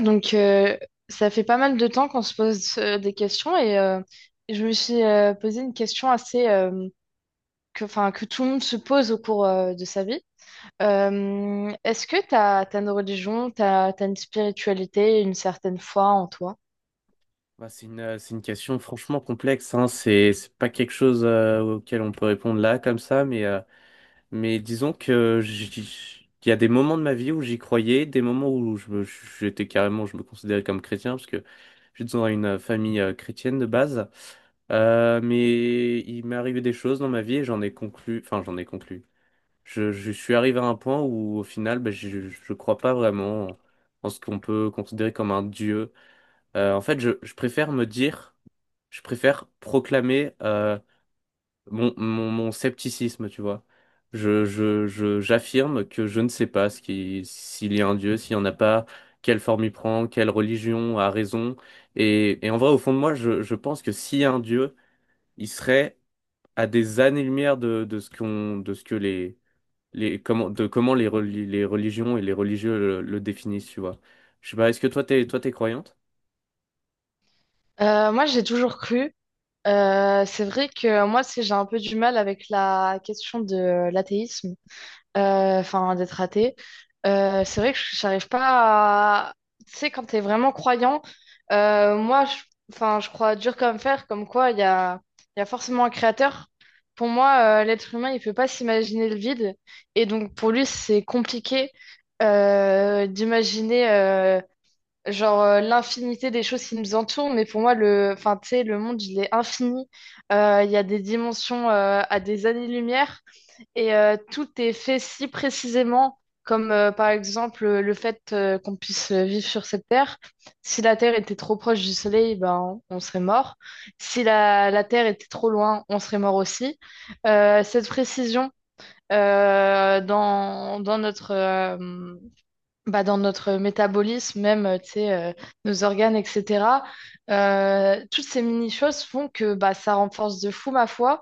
Donc, ça fait pas mal de temps qu'on se pose des questions et je me suis posé une question assez enfin, que tout le monde se pose au cours de sa vie. Est-ce que t'as une religion, t'as une spiritualité, une certaine foi en toi? Bah, c'est une question franchement complexe, hein. C'est pas quelque chose auquel on peut répondre là comme ça, mais disons que il y a des moments de ma vie où j'y croyais, des moments où j'étais carrément, je me considérais comme chrétien, parce que je suis dans une famille chrétienne de base. Mais il m'est arrivé des choses dans ma vie et j'en ai conclu. Je suis arrivé à un point où au final, bah, je crois pas vraiment en ce qu'on peut considérer comme un dieu. En fait, je préfère proclamer mon scepticisme, tu vois. J'affirme que je ne sais pas s'il y a un Dieu, s'il n'y en a pas, quelle forme il prend, quelle religion a raison. Et en vrai, au fond de moi, je pense que s'il y a un Dieu, il serait à des années-lumière de de ce que de comment les religions et les religieux le définissent, tu vois. Je sais pas, est-ce que toi, t'es croyante? Moi, j'ai toujours cru. C'est vrai que moi, j'ai un peu du mal avec la question de l'athéisme. Enfin, d'être athée. C'est vrai que j'arrive pas à. Tu sais, quand t'es vraiment croyant, moi, enfin, je crois dur comme fer, comme quoi il y a forcément un créateur. Pour moi, l'être humain, il peut pas s'imaginer le vide. Et donc, pour lui, c'est compliqué d'imaginer genre l'infinité des choses qui nous entourent. Mais pour moi, enfin, tu sais, le monde, il est infini. Il y a des dimensions à des années-lumière. Et tout est fait si précisément, comme par exemple le fait qu'on puisse vivre sur cette Terre. Si la Terre était trop proche du Soleil, ben, on serait mort. Si la Terre était trop loin, on serait mort aussi. Cette précision dans notre, bah, dans notre métabolisme, même, tu sais, nos organes, etc. Toutes ces mini-choses font que bah, ça renforce de fou ma foi.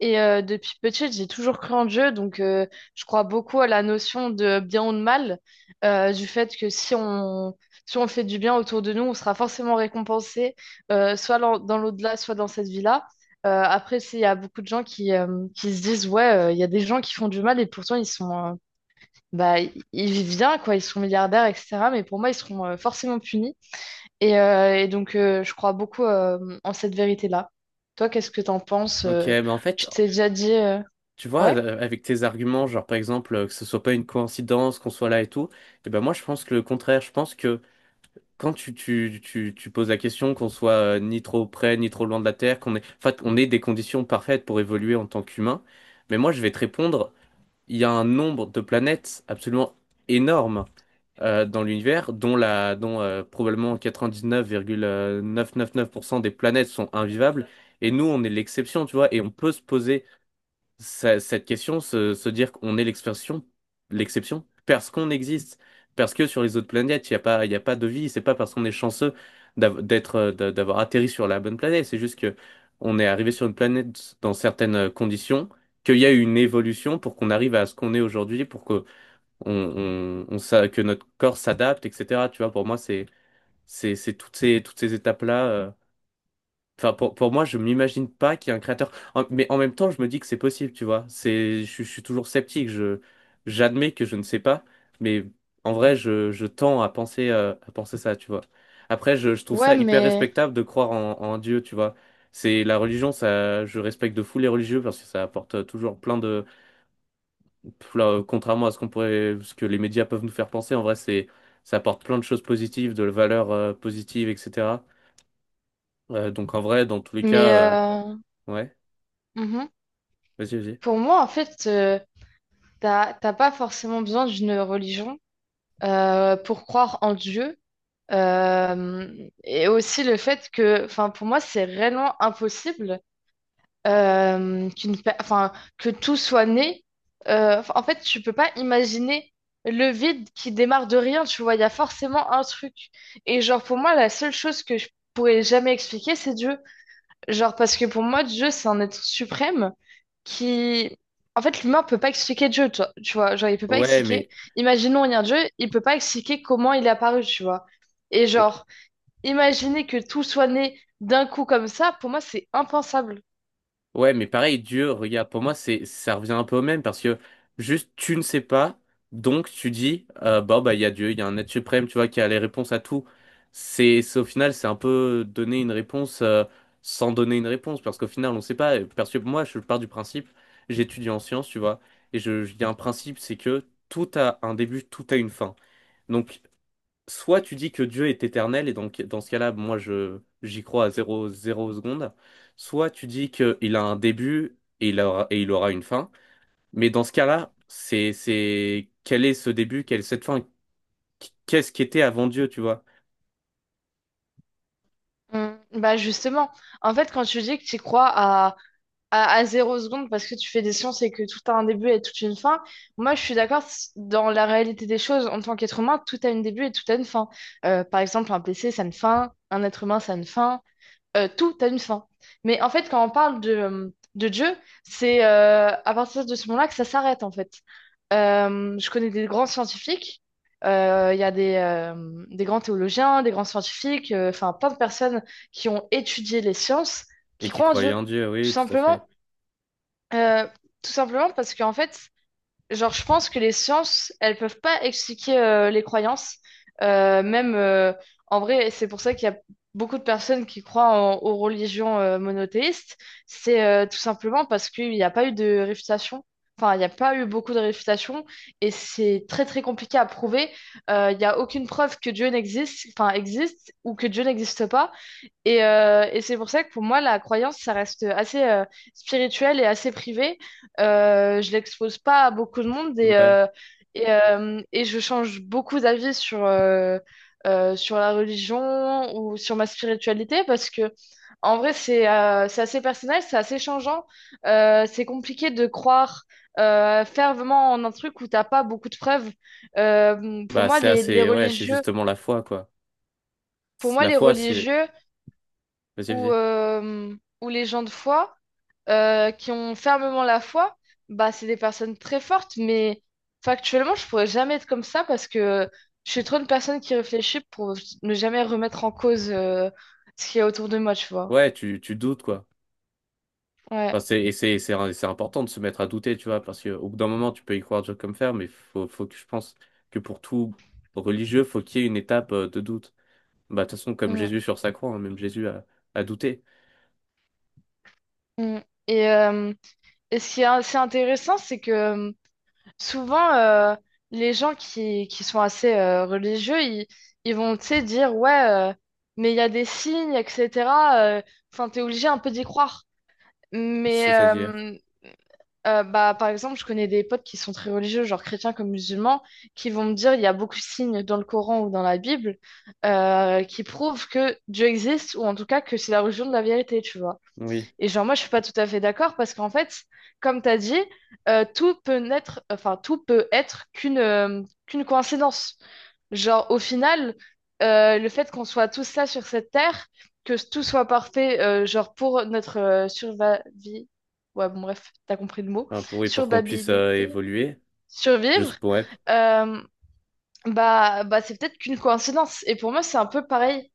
Et depuis petite, j'ai toujours cru en Dieu, donc je crois beaucoup à la notion de bien ou de mal, du fait que si on fait du bien autour de nous, on sera forcément récompensé, soit dans l'au-delà, soit dans cette vie-là. Après, il y a beaucoup de gens qui se disent, ouais, il y a des gens qui font du mal et pourtant bah, ils vivent bien, quoi, ils sont milliardaires, etc. Mais pour moi, ils seront forcément punis. Et donc, je crois beaucoup en cette vérité-là. Toi, qu'est-ce que t'en penses? Ok, mais en fait, Tu t'es déjà dit, tu vois, ouais, avec tes arguments, genre par exemple que ce soit pas une coïncidence qu'on soit là et tout, et ben moi je pense que le contraire, je pense que quand tu poses la question qu'on soit ni trop près ni trop loin de la Terre, en fait, on ait des conditions parfaites pour évoluer en tant qu'humain, mais moi je vais te répondre, il y a un nombre de planètes absolument énorme dans l'univers, dont la, dont probablement 99,999% des planètes sont invivables. Et nous, on est l'exception, tu vois. Et on peut se poser cette question, se dire qu'on est l'exception, parce qu'on existe, parce que sur les autres planètes, il y a pas de vie. C'est pas parce qu'on est chanceux d'avoir atterri sur la bonne planète. C'est juste que on est arrivé sur une planète dans certaines conditions, qu'il y a eu une évolution pour qu'on arrive à ce qu'on est aujourd'hui, pour que on s'a- que notre corps s'adapte, etc. Tu vois, pour moi, c'est toutes ces étapes-là. Enfin, pour moi, je m'imagine pas qu'il y ait un créateur. Mais en même temps, je me dis que c'est possible, tu vois. C'est, je suis toujours sceptique. J'admets que je ne sais pas, mais en vrai, je tends à penser ça, tu vois. Après, je trouve ouais, ça hyper respectable de croire en Dieu, tu vois. C'est la religion, ça, je respecte de fou les religieux parce que ça apporte toujours plein de, là, contrairement à ce que les médias peuvent nous faire penser, en vrai, c'est, ça apporte plein de choses positives, de la valeur positive, etc. Donc en vrai, dans tous les cas, mais ouais, mhm. vas-y, vas-y. Pour moi, en fait, t'as pas forcément besoin d'une religion pour croire en Dieu. Euh, et aussi le fait que, enfin, pour moi, c'est réellement impossible enfin, que tout soit né. Enfin, en fait, tu peux pas imaginer le vide qui démarre de rien, tu vois, il y a forcément un truc. Et genre, pour moi, la seule chose que je pourrais jamais expliquer, c'est Dieu. Genre, parce que pour moi, Dieu, c'est un être suprême qui. En fait, l'humain peut pas expliquer Dieu, toi, tu vois, genre, il peut pas Ouais, expliquer. mais Imaginons, il y a un Dieu, il peut pas expliquer comment il est apparu, tu vois. Et genre, imaginer que tout soit né d'un coup comme ça, pour moi, c'est impensable. Ouais, mais pareil, Dieu, regarde, pour moi, ça revient un peu au même parce que juste tu ne sais pas, donc tu dis, bah, il y a Dieu, il y a un être suprême, tu vois, qui a les réponses à tout. C'est au final, c'est un peu donner une réponse, sans donner une réponse parce qu'au final, on ne sait pas. Parce que moi, je pars du principe, j'étudie en sciences, tu vois, et il y a un principe, c'est que tout a un début, tout a une fin. Donc, soit tu dis que Dieu est éternel, et donc dans ce cas-là, moi je j'y crois à zéro, zéro seconde, soit tu dis qu'il a un début et il aura une fin, mais dans ce cas-là, c'est quel est ce début, quelle est cette fin, qu'est-ce qui était avant Dieu, tu vois, Mm. Bah justement, en fait, quand tu dis que tu crois à zéro seconde parce que tu fais des sciences et que tout a un début et toute une fin, moi je suis d'accord dans la réalité des choses. En tant qu'être humain, tout a un début et tout a une fin. Par exemple, un PC, ça a une fin, un être humain, ça a une fin tout a une fin. Mais en fait, quand on parle de Dieu, c'est à partir de ce moment-là que ça s'arrête, en fait. Je connais des grands scientifiques, il y a des grands théologiens, des grands scientifiques, enfin plein de personnes qui ont étudié les sciences, et qui qui croient en croyait Dieu. en Dieu, Tout oui, tout à fait. simplement, euh, tout simplement parce qu'en fait, genre, je pense que les sciences, elles peuvent pas expliquer les croyances. Même en vrai, c'est pour ça qu'il y a beaucoup de personnes qui croient aux religions monothéistes. C'est tout simplement parce qu'il n'y a pas eu de réfutation. Enfin, il n'y a pas eu beaucoup de réfutation et c'est très très compliqué à prouver. Il n'y a aucune preuve que Dieu enfin existe ou que Dieu n'existe pas. Et c'est pour ça que pour moi, la croyance, ça reste assez spirituel et assez privé. Je l'expose pas à beaucoup de monde et, Ouais, euh, et, euh, et je change beaucoup d'avis sur la religion ou sur ma spiritualité parce que, en vrai, c'est assez personnel, c'est assez changeant. C'est compliqué de croire fervemment en un truc où t'as pas beaucoup de preuves. Pour bah moi, ouais, c'est justement la foi, quoi. C'est- La les foi, religieux vas-y, ou, vas-y. euh, ou les gens de foi qui ont fermement la foi, bah, c'est des personnes très fortes, mais factuellement, je pourrais jamais être comme ça parce que je suis trop une personne qui réfléchit pour ne jamais remettre en cause ce qu'il y a autour de moi, tu vois. Ouais, tu doutes, quoi. Enfin, Ouais. c'est, et c'est, c'est important de se mettre à douter, tu vois, parce qu'au bout d'un moment, tu peux y croire dur comme fer, mais faut que je pense que pour tout religieux, faut qu'il y ait une étape de doute. Bah, de toute façon, comme Mm, Jésus sur sa croix, hein, même Jésus a douté. mm. Et, euh, et ce qui est assez intéressant, c'est que souvent les gens qui sont assez religieux, ils vont, tu sais, dire ouais, mais il y a des signes, etc. Enfin, t'es obligé un peu d'y croire. Mais C'est-à-dire, bah, par exemple, je connais des potes qui sont très religieux, genre chrétiens comme musulmans, qui vont me dire il y a beaucoup de signes dans le Coran ou dans la Bible qui prouvent que Dieu existe ou en tout cas que c'est la religion de la vérité, tu vois. oui. Et genre, moi, je suis pas tout à fait d'accord parce qu'en fait, comme tu as dit, tout peut naître, enfin, tout peut être qu'une coïncidence. Genre, au final, le fait qu'on soit tous là sur cette terre, que tout soit parfait, genre, pour notre survie, ouais, bon, bref, t'as compris le mot, Enfin, oui, pour qu'on puisse survabilité, évoluer, je survivre, pourrais. euh, bah, c'est peut-être qu'une coïncidence. Et pour moi, c'est un peu pareil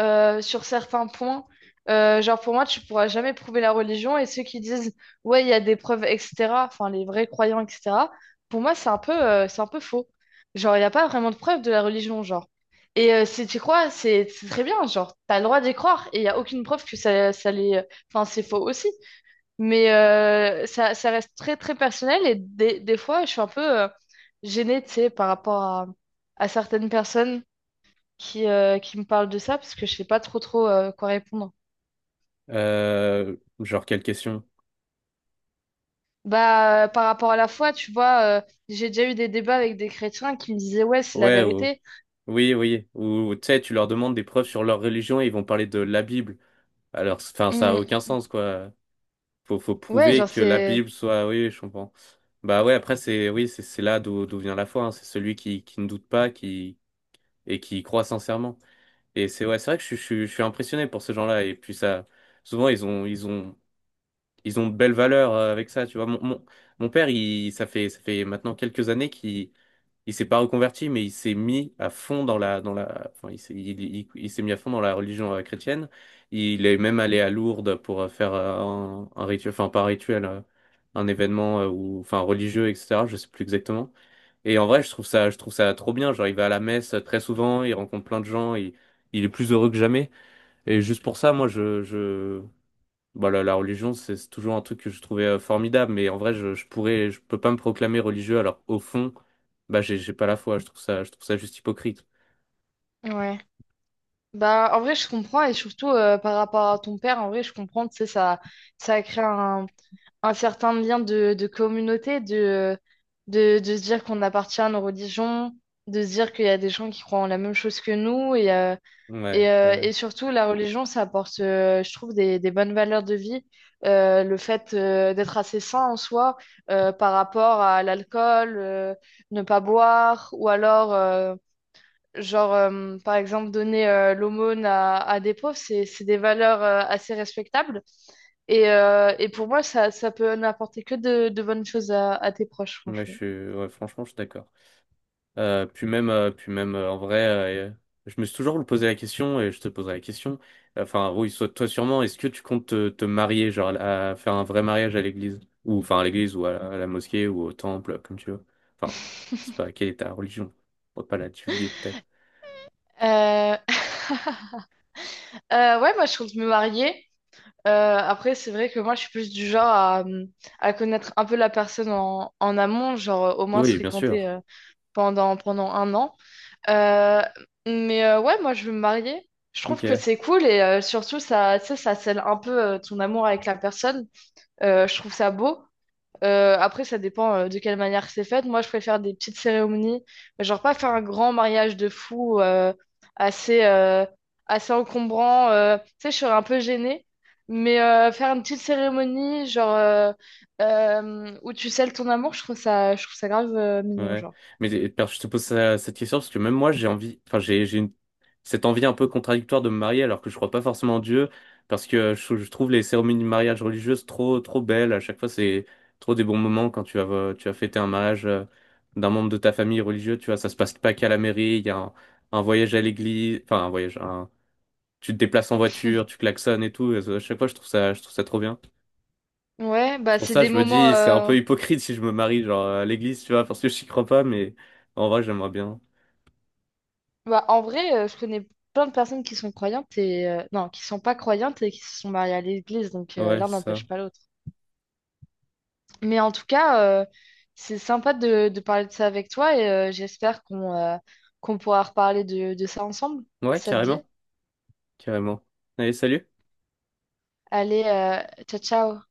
sur certains points. Genre, pour moi, tu pourras jamais prouver la religion. Et ceux qui disent, ouais, il y a des preuves, etc., enfin, les vrais croyants, etc., pour moi, c'est un peu faux. Genre, il n'y a pas vraiment de preuves de la religion, genre. Et si tu crois, c'est très bien, genre, t'as le droit d'y croire. Et il n'y a aucune preuve que ça les. Enfin, c'est faux aussi. Mais ça reste très, très personnel. Et des fois, je suis un peu gênée, tu sais, par rapport à certaines personnes qui me parle de ça parce que je sais pas trop trop quoi répondre. Genre, quelle question? Bah, par rapport à la foi, tu vois, j'ai déjà eu des débats avec des chrétiens qui me disaient, ouais, c'est la Ouais. vérité. Oui, oui. Ou tu sais, tu leur demandes des preuves sur leur religion et ils vont parler de la Bible. Alors, enfin, ça a Hmm. aucun sens, quoi. Faut Ouais, prouver genre, que la c'est. Bible soit. Oui, oui, je comprends. Bah ouais, après, c'est oui, c'est là d'où vient la foi, hein. C'est celui qui ne doute pas, qui et qui y croit sincèrement. Et c'est c'est vrai que je suis impressionné pour ces gens-là. Et puis souvent ils ont de belles valeurs avec ça. Tu vois, mon père, il ça fait maintenant quelques années qu'il il s'est pas reconverti, mais il s'est mis à fond enfin, il s'est mis à fond dans la religion chrétienne. Il est même allé à Lourdes pour faire un rituel, enfin, pas un rituel, un événement ou, enfin, religieux, etc. Je sais plus exactement. Et en vrai, je trouve ça trop bien. Genre, il va à la messe très souvent, il rencontre plein de gens, il est plus heureux que jamais. Et juste pour ça, moi, bah, la religion, c'est toujours un truc que je trouvais formidable, mais en vrai, je peux pas me proclamer religieux, alors au fond, bah, j'ai pas la foi, je trouve ça juste hypocrite. Ouais. Bah, en vrai, je comprends et surtout par rapport à ton père, en vrai, je comprends, tu sais, ça crée un certain lien de communauté, de se dire qu'on appartient à nos religions, de se dire qu'il y a des gens qui croient en la même chose que nous et. Ouais, Et, euh, ouais, et surtout, la religion, ça apporte, je trouve, des bonnes valeurs de vie. Le fait d'être assez sain en soi par rapport à l'alcool, ne pas boire, ou alors, genre, par exemple, donner l'aumône à des pauvres, c'est des valeurs assez respectables. Et pour moi, ça peut n'apporter que de bonnes choses à tes proches, ouais, franchement. Ouais, franchement, je suis d'accord. Puis même, en vrai, euh, je me suis toujours posé la question, et je te poserai la question, enfin, oui, soit toi sûrement, est-ce que tu comptes te marier, genre, à faire un vrai mariage à l'église, ou, enfin, à l'église, ou à la mosquée, ou au temple, comme tu veux. Enfin, c'est pas quelle est ta religion, on va pas la divulguer, peut-être. Euh, ouais, moi, je compte me marier. Après, c'est vrai que moi, je suis plus du genre à connaître un peu la personne en amont, genre au moins se Oui, bien fréquenter sûr. Pendant un an. Euh, mais ouais, moi, je veux me marier. Je trouve Ok, que c'est cool et surtout, tu sais, ça scelle un peu ton amour avec la personne. Je trouve ça beau. Après, ça dépend de quelle manière c'est fait. Moi, je préfère des petites cérémonies, mais genre pas faire un grand mariage de fou assez, euh, assez encombrant. Tu sais, je serais un peu gênée, mais faire une petite cérémonie, genre où tu scelles ton amour, je trouve ça grave mignon, ouais. genre. Mais je te pose cette question parce que même moi, j'ai envie, enfin, j'ai une- cette envie un peu contradictoire de me marier alors que je crois pas forcément en Dieu parce que je trouve les cérémonies de mariage religieuses trop, trop belles. À chaque fois, c'est trop des bons moments quand tu vas fêter un mariage d'un membre de ta famille religieux. Tu vois, ça se passe pas qu'à la mairie. Il y a un voyage à l'église, enfin, tu te déplaces en voiture, tu klaxonnes et tout. Et à chaque fois, je trouve ça trop bien. Ouais, C'est bah pour c'est ça des que je me moments. dis, c'est un peu hypocrite si je me marie, genre, à l'église, tu vois, parce que je n'y crois pas, mais en vrai, j'aimerais bien. Bah, en vrai, je connais plein de personnes qui sont croyantes et non, qui sont pas croyantes et qui se sont mariées à l'église, donc Ouais, l'un c'est ça. n'empêche pas l'autre. Mais en tout cas, c'est sympa de parler de ça avec toi et j'espère qu'on pourra reparler de ça ensemble. Ouais, Ça te dit? carrément, carrément. Allez, salut. Allez, ciao, ciao.